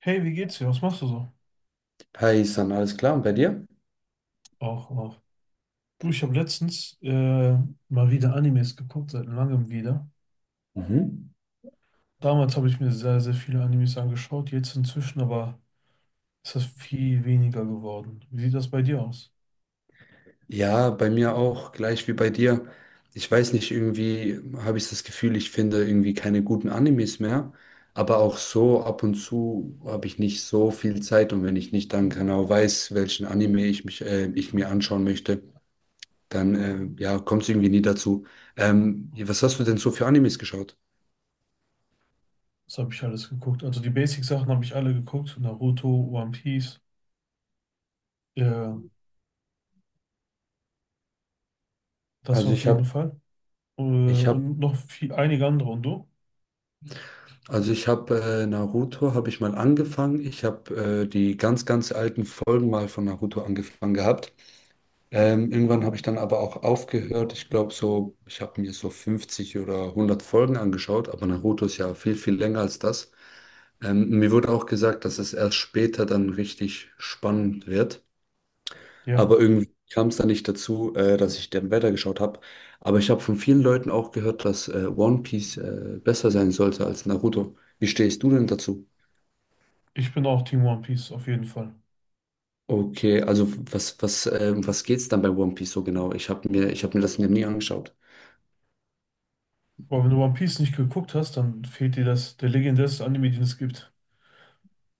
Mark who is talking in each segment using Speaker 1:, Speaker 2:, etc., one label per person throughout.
Speaker 1: Hey, wie geht's dir? Was machst du so?
Speaker 2: Hi, San, alles klar? Und bei dir?
Speaker 1: Auch, auch. Du, ich habe letztens mal wieder Animes geguckt, seit langem wieder.
Speaker 2: Mhm.
Speaker 1: Damals habe ich mir sehr, sehr viele Animes angeschaut, jetzt inzwischen aber ist das viel weniger geworden. Wie sieht das bei dir aus?
Speaker 2: Ja, bei mir auch, gleich wie bei dir. Ich weiß nicht, irgendwie habe ich das Gefühl, ich finde irgendwie keine guten Animes mehr. Aber auch so, ab und zu habe ich nicht so viel Zeit, und wenn ich nicht dann genau weiß, welchen Anime ich mir anschauen möchte, dann ja, kommt es irgendwie nie dazu. Was hast du denn so für Animes geschaut?
Speaker 1: Was habe ich alles geguckt? Also die Basic-Sachen habe ich alle geguckt: Naruto, One Piece, äh, das
Speaker 2: Also
Speaker 1: auf
Speaker 2: ich
Speaker 1: jeden
Speaker 2: habe
Speaker 1: Fall.
Speaker 2: ich hab
Speaker 1: Und noch viel, einige andere. Und du?
Speaker 2: Also ich habe Naruto, habe ich mal angefangen. Ich habe die ganz, ganz alten Folgen mal von Naruto angefangen gehabt. Irgendwann habe ich dann aber auch aufgehört. Ich glaube so, ich habe mir so 50 oder 100 Folgen angeschaut, aber Naruto ist ja viel, viel länger als das. Mir wurde auch gesagt, dass es erst später dann richtig spannend wird.
Speaker 1: Ja,
Speaker 2: Aber irgendwie kam es dann nicht dazu, dass ich dann weitergeschaut habe. Aber ich habe von vielen Leuten auch gehört, dass One Piece besser sein sollte als Naruto. Wie stehst du denn dazu?
Speaker 1: ich bin auch Team One Piece, auf jeden Fall.
Speaker 2: Okay, also was geht's dann bei One Piece so genau? Ich habe mir das nie angeschaut.
Speaker 1: Aber wenn du One Piece nicht geguckt hast, dann fehlt dir das, der legendärste Anime, den es gibt.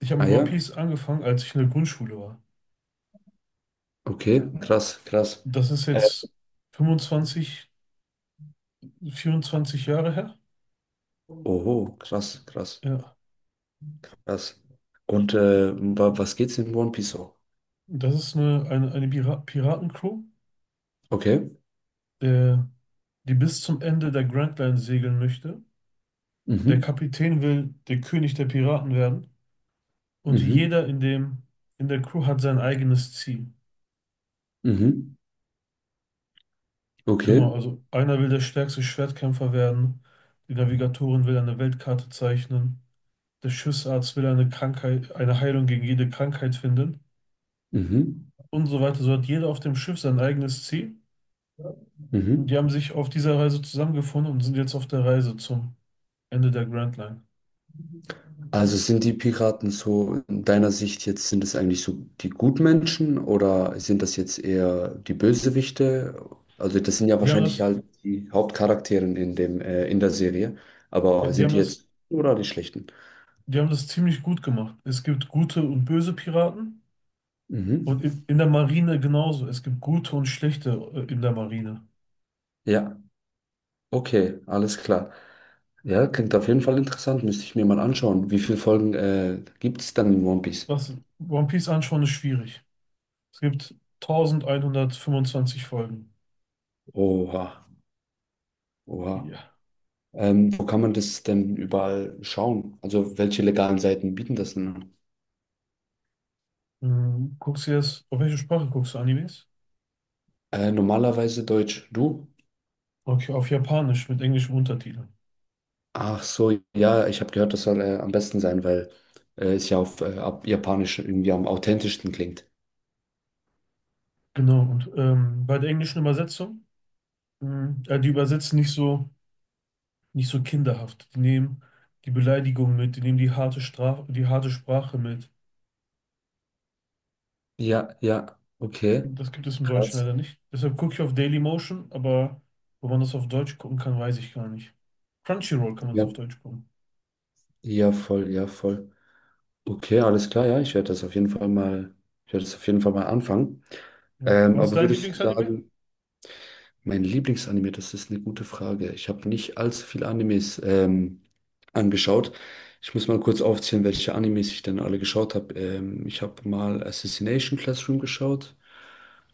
Speaker 1: Ich habe
Speaker 2: Ah
Speaker 1: mit One
Speaker 2: ja,
Speaker 1: Piece angefangen, als ich in der Grundschule war.
Speaker 2: okay, krass, krass.
Speaker 1: Das ist jetzt 25, 24 Jahre her.
Speaker 2: Oho, krass, krass,
Speaker 1: Ja,
Speaker 2: krass. Und wa was geht's in One Piece so?
Speaker 1: das ist eine Pira Piratencrew,
Speaker 2: Okay.
Speaker 1: der, die bis zum Ende der Grand Line segeln möchte. Der
Speaker 2: Mhm.
Speaker 1: Kapitän will der König der Piraten werden und
Speaker 2: Mhm.
Speaker 1: jeder in der Crew hat sein eigenes Ziel.
Speaker 2: Mhm. Okay.
Speaker 1: Genau, also einer will der stärkste Schwertkämpfer werden, die Navigatorin will eine Weltkarte zeichnen, der Schiffsarzt will eine Krankheit, eine Heilung gegen jede Krankheit finden
Speaker 2: Mhm.
Speaker 1: und so weiter. So hat jeder auf dem Schiff sein eigenes Ziel. Und die
Speaker 2: Mhm.
Speaker 1: haben sich auf dieser Reise zusammengefunden und sind jetzt auf der Reise zum Ende der Grand Line.
Speaker 2: Also sind die Piraten so, in deiner Sicht jetzt, sind es eigentlich so die Gutmenschen, oder sind das jetzt eher die Bösewichte? Also das sind ja
Speaker 1: Die haben
Speaker 2: wahrscheinlich
Speaker 1: das,
Speaker 2: halt die Hauptcharaktere in in der Serie, aber
Speaker 1: die haben
Speaker 2: sind die
Speaker 1: das,
Speaker 2: jetzt oder die Schlechten?
Speaker 1: die haben das ziemlich gut gemacht. Es gibt gute und böse Piraten
Speaker 2: Mhm.
Speaker 1: und in der Marine genauso. Es gibt gute und schlechte in der Marine.
Speaker 2: Ja, okay, alles klar. Ja, klingt auf jeden Fall interessant, müsste ich mir mal anschauen. Wie viele Folgen, gibt es dann in One Piece?
Speaker 1: Was One Piece anschauen ist schwierig. Es gibt 1125 Folgen.
Speaker 2: Oha, oha.
Speaker 1: Ja.
Speaker 2: Wo kann man das denn überall schauen? Also welche legalen Seiten bieten das denn an?
Speaker 1: Hm, guckst du jetzt, auf welche Sprache guckst du Animes?
Speaker 2: Normalerweise Deutsch. Du?
Speaker 1: Okay, auf Japanisch mit englischem Untertitel.
Speaker 2: Ach so, ja, ich habe gehört, das soll am besten sein, weil es ja auf ab Japanisch irgendwie am authentischsten klingt.
Speaker 1: Genau, und bei der englischen Übersetzung, die übersetzen nicht so, nicht so kinderhaft. Die nehmen die Beleidigung mit, die nehmen die harte Straf die harte Sprache mit.
Speaker 2: Ja, ja, okay.
Speaker 1: Das gibt es im Deutschen
Speaker 2: Krass.
Speaker 1: leider nicht. Deshalb gucke ich auf Dailymotion, aber wo man das auf Deutsch gucken kann, weiß ich gar nicht. Crunchyroll kann man es
Speaker 2: Ja,
Speaker 1: auf Deutsch gucken.
Speaker 2: ja, voll, ja, voll. Okay, alles klar, ja, ich werde das auf jeden Fall mal anfangen.
Speaker 1: Ja.
Speaker 2: Ähm,
Speaker 1: Was ist
Speaker 2: aber
Speaker 1: dein
Speaker 2: würdest du
Speaker 1: Lieblingsanime?
Speaker 2: sagen, Mein Lieblingsanime, das ist eine gute Frage. Ich habe nicht allzu viele Animes angeschaut. Ich muss mal kurz aufzählen, welche Animes ich denn alle geschaut habe. Ich habe mal Assassination Classroom geschaut.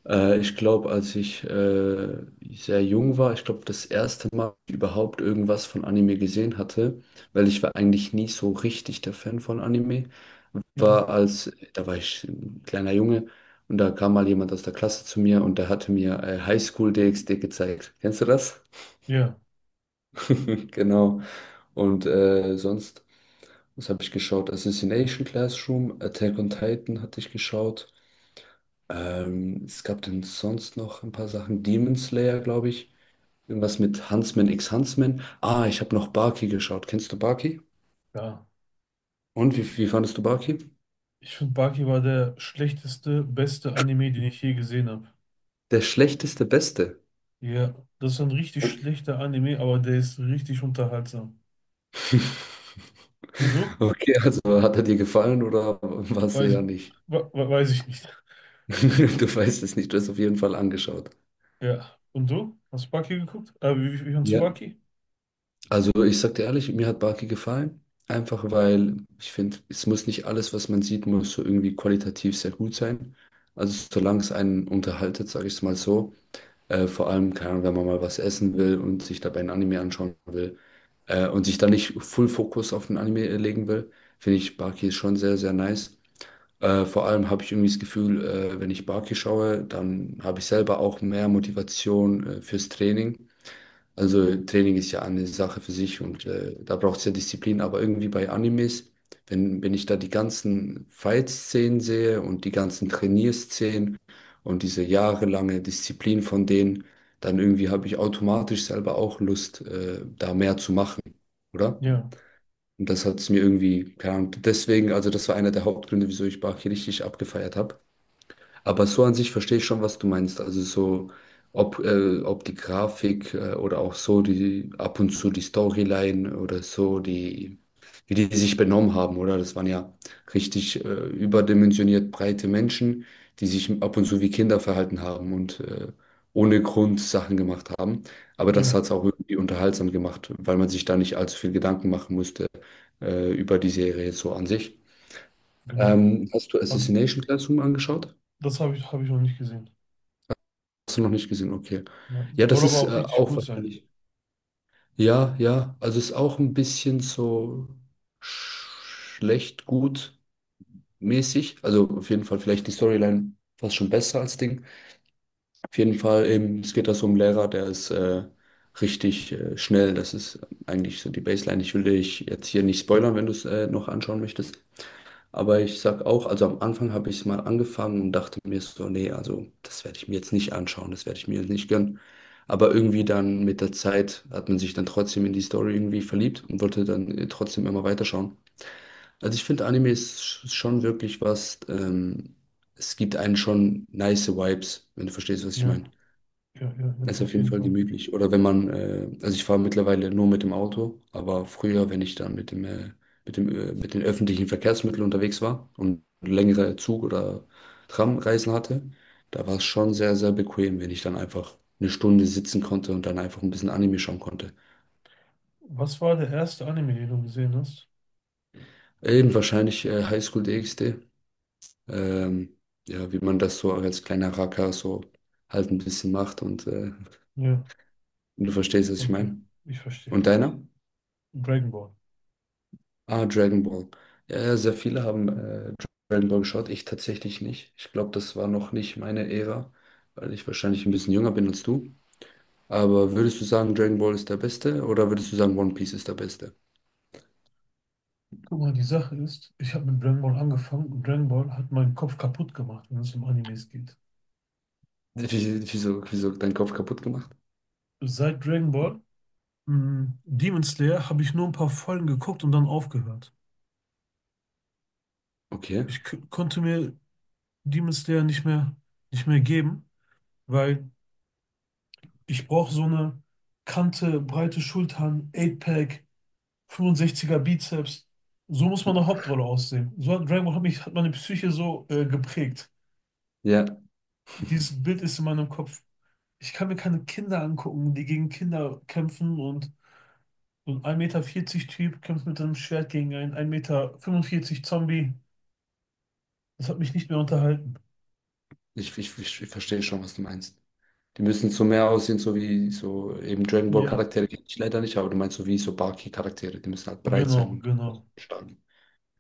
Speaker 2: Ich glaube, als ich sehr jung war, ich glaube, das erste Mal überhaupt irgendwas von Anime gesehen hatte, weil ich war eigentlich nie so richtig der Fan von Anime
Speaker 1: Ja.
Speaker 2: war, als, da war ich ein kleiner Junge, und da kam mal jemand aus der Klasse zu mir, und der hatte mir Highschool DxD gezeigt. Kennst du das?
Speaker 1: Ja,
Speaker 2: Genau. Und was habe ich geschaut? Assassination Classroom, Attack on Titan hatte ich geschaut. Es gab denn sonst noch ein paar Sachen. Demon Slayer, glaube ich. Irgendwas mit Huntsman x Huntsman. Ah, ich habe noch Baki geschaut. Kennst du Baki?
Speaker 1: ja.
Speaker 2: Und wie fandest du Baki?
Speaker 1: Ich finde, Baki war der schlechteste, beste Anime, den ich je gesehen habe.
Speaker 2: Der schlechteste Beste.
Speaker 1: Ja, das ist ein richtig schlechter Anime, aber der ist richtig unterhaltsam. Und du?
Speaker 2: Okay, also hat er dir gefallen oder war es
Speaker 1: Weiß,
Speaker 2: eher nicht?
Speaker 1: weiß ich nicht.
Speaker 2: Du weißt es nicht, du hast auf jeden Fall angeschaut.
Speaker 1: Ja. Und du? Hast du Baki geguckt? Wie, wie von
Speaker 2: Ja,
Speaker 1: Tsubaki?
Speaker 2: also ich sag dir ehrlich, mir hat Barki gefallen. Einfach weil ich finde, es muss nicht alles, was man sieht, muss so irgendwie qualitativ sehr gut sein. Also solange es einen unterhaltet, sage ich es mal so. Vor allem, keine Ahnung, wenn man mal was essen will und sich dabei ein Anime anschauen will und sich dann nicht Full Fokus auf den Anime legen will, finde ich Barki schon sehr, sehr nice. Vor allem habe ich irgendwie das Gefühl, wenn ich Barki schaue, dann habe ich selber auch mehr Motivation fürs Training. Also Training ist ja eine Sache für sich, und da braucht es ja Disziplin, aber irgendwie bei Animes, wenn ich da die ganzen Fight-Szenen sehe und die ganzen Trainierszenen und diese jahrelange Disziplin von denen, dann irgendwie habe ich automatisch selber auch Lust, da mehr zu machen, oder?
Speaker 1: Ja,
Speaker 2: Und das hat es mir irgendwie, keine Ahnung, deswegen, also das war einer der Hauptgründe, wieso ich Bach richtig abgefeiert habe. Aber so an sich verstehe ich schon, was du meinst. Also so, ob die Grafik oder auch so die ab und zu die Storyline oder so, die, wie die sich benommen haben, oder? Das waren ja richtig überdimensioniert breite Menschen, die sich ab und zu wie Kinder verhalten haben und ohne Grund Sachen gemacht haben. Aber das
Speaker 1: ja,
Speaker 2: hat es auch irgendwie unterhaltsam gemacht, weil man sich da nicht allzu viel Gedanken machen musste über die Serie so an sich.
Speaker 1: genau.
Speaker 2: Hast du
Speaker 1: Also,
Speaker 2: Assassination Classroom angeschaut?
Speaker 1: habe ich noch nicht gesehen.
Speaker 2: Hast du noch nicht gesehen, okay.
Speaker 1: Nein.
Speaker 2: Ja,
Speaker 1: Soll
Speaker 2: das
Speaker 1: aber
Speaker 2: ist
Speaker 1: auch richtig
Speaker 2: auch
Speaker 1: gut sein.
Speaker 2: wahrscheinlich. Ja, ja, also es ist auch ein bisschen so sch- schlecht, gut mäßig. Also auf jeden Fall vielleicht die Storyline fast schon besser als Ding. Auf jeden Fall, eben, es geht da so um einen Lehrer, der ist richtig schnell. Das ist eigentlich so die Baseline. Ich will dich jetzt hier nicht spoilern, wenn du es noch anschauen möchtest. Aber ich sag auch, also am Anfang habe ich es mal angefangen und dachte mir so, nee, also das werde ich mir jetzt nicht anschauen, das werde ich mir jetzt nicht gönnen. Aber irgendwie dann mit der Zeit hat man sich dann trotzdem in die Story irgendwie verliebt und wollte dann trotzdem immer weiterschauen. Also ich finde, Anime ist schon wirklich was, es gibt einen schon nice Vibes, wenn du verstehst, was ich
Speaker 1: Ja,
Speaker 2: meine.
Speaker 1: ja, ja, ja,
Speaker 2: Das ist auf
Speaker 1: auf
Speaker 2: jeden
Speaker 1: jeden
Speaker 2: Fall
Speaker 1: Fall.
Speaker 2: gemütlich. Oder wenn man, also ich fahre mittlerweile nur mit dem Auto, aber früher, wenn ich dann mit den öffentlichen Verkehrsmitteln unterwegs war und längere Zug- oder Tramreisen hatte, da war es schon sehr, sehr bequem, wenn ich dann einfach eine Stunde sitzen konnte und dann einfach ein bisschen Anime schauen konnte.
Speaker 1: Was war der erste Anime, den du gesehen hast?
Speaker 2: Eben wahrscheinlich Highschool DxD. Ähm, ja, wie man das so als kleiner Racker so halt ein bisschen macht und
Speaker 1: Ja,
Speaker 2: du verstehst, was ich
Speaker 1: okay,
Speaker 2: meine.
Speaker 1: ich verstehe.
Speaker 2: Und deiner?
Speaker 1: Dragon Ball.
Speaker 2: Ah, Dragon Ball. Ja, ja, sehr viele haben Dragon Ball geschaut. Ich tatsächlich nicht. Ich glaube, das war noch nicht meine Ära, weil ich wahrscheinlich ein bisschen jünger bin als du. Aber würdest du sagen, Dragon Ball ist der Beste, oder würdest du sagen, One Piece ist der Beste?
Speaker 1: Guck mal, die Sache ist, ich habe mit Dragon Ball angefangen und Dragon Ball hat meinen Kopf kaputt gemacht, wenn es um Animes geht.
Speaker 2: Wieso, wieso dein Kopf kaputt gemacht?
Speaker 1: Seit Dragon Ball, Demon Slayer, habe ich nur ein paar Folgen geguckt und dann aufgehört.
Speaker 2: Okay.
Speaker 1: Konnte mir Demon Slayer nicht mehr geben, weil ich brauche so eine Kante, breite Schultern, 8-Pack, 65er Bizeps. So muss man eine
Speaker 2: Hm.
Speaker 1: Hauptrolle aussehen. So hat Dragon Ball hat mich, hat meine Psyche so geprägt.
Speaker 2: Ja,
Speaker 1: Dieses Bild ist in meinem Kopf. Ich kann mir keine Kinder angucken, die gegen Kinder kämpfen, und so ein 1,40 Meter Typ kämpft mit einem Schwert gegen einen 1,45 Meter Zombie. Das hat mich nicht mehr unterhalten.
Speaker 2: ich verstehe schon, was du meinst. Die müssen so mehr aussehen, so wie so eben Dragon Ball
Speaker 1: Ja,
Speaker 2: Charaktere kenne ich leider nicht, aber du meinst so wie so Baki Charaktere. Die müssen halt breit
Speaker 1: genau,
Speaker 2: sein und
Speaker 1: genau.
Speaker 2: stark.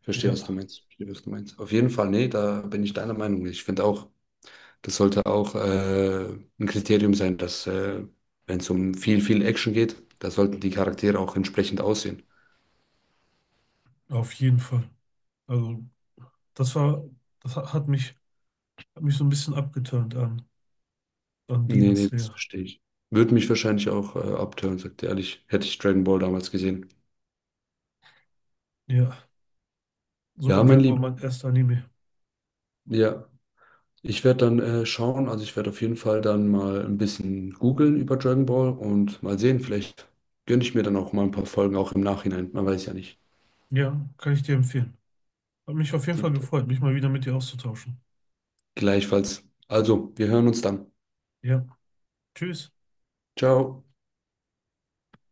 Speaker 2: Verstehe, was du
Speaker 1: Ja.
Speaker 2: meinst. Verstehe, was du meinst. Auf jeden Fall, nee, da bin ich deiner Meinung. Ich finde auch, das sollte auch ein Kriterium sein, dass wenn es um viel, viel Action geht, da sollten die Charaktere auch entsprechend aussehen.
Speaker 1: Auf jeden Fall. Also, das war, das ha- hat mich so ein bisschen abgeturnt an
Speaker 2: Nee,
Speaker 1: Demon
Speaker 2: nee, das
Speaker 1: Slayer.
Speaker 2: verstehe ich. Würde mich wahrscheinlich auch abtören, sagt er ehrlich, hätte ich Dragon Ball damals gesehen.
Speaker 1: Ja, so
Speaker 2: Ja,
Speaker 1: war
Speaker 2: mein
Speaker 1: Dragon Ball
Speaker 2: Lieber.
Speaker 1: mein erster Anime.
Speaker 2: Ja, ich werde dann schauen, also ich werde auf jeden Fall dann mal ein bisschen googeln über Dragon Ball und mal sehen, vielleicht gönne ich mir dann auch mal ein paar Folgen auch im Nachhinein. Man weiß ja nicht.
Speaker 1: Ja, kann ich dir empfehlen. Hat mich auf jeden
Speaker 2: Die
Speaker 1: Fall gefreut, mich mal wieder mit dir auszutauschen.
Speaker 2: Gleichfalls. Also, wir hören uns dann.
Speaker 1: Ja, tschüss.
Speaker 2: Ciao.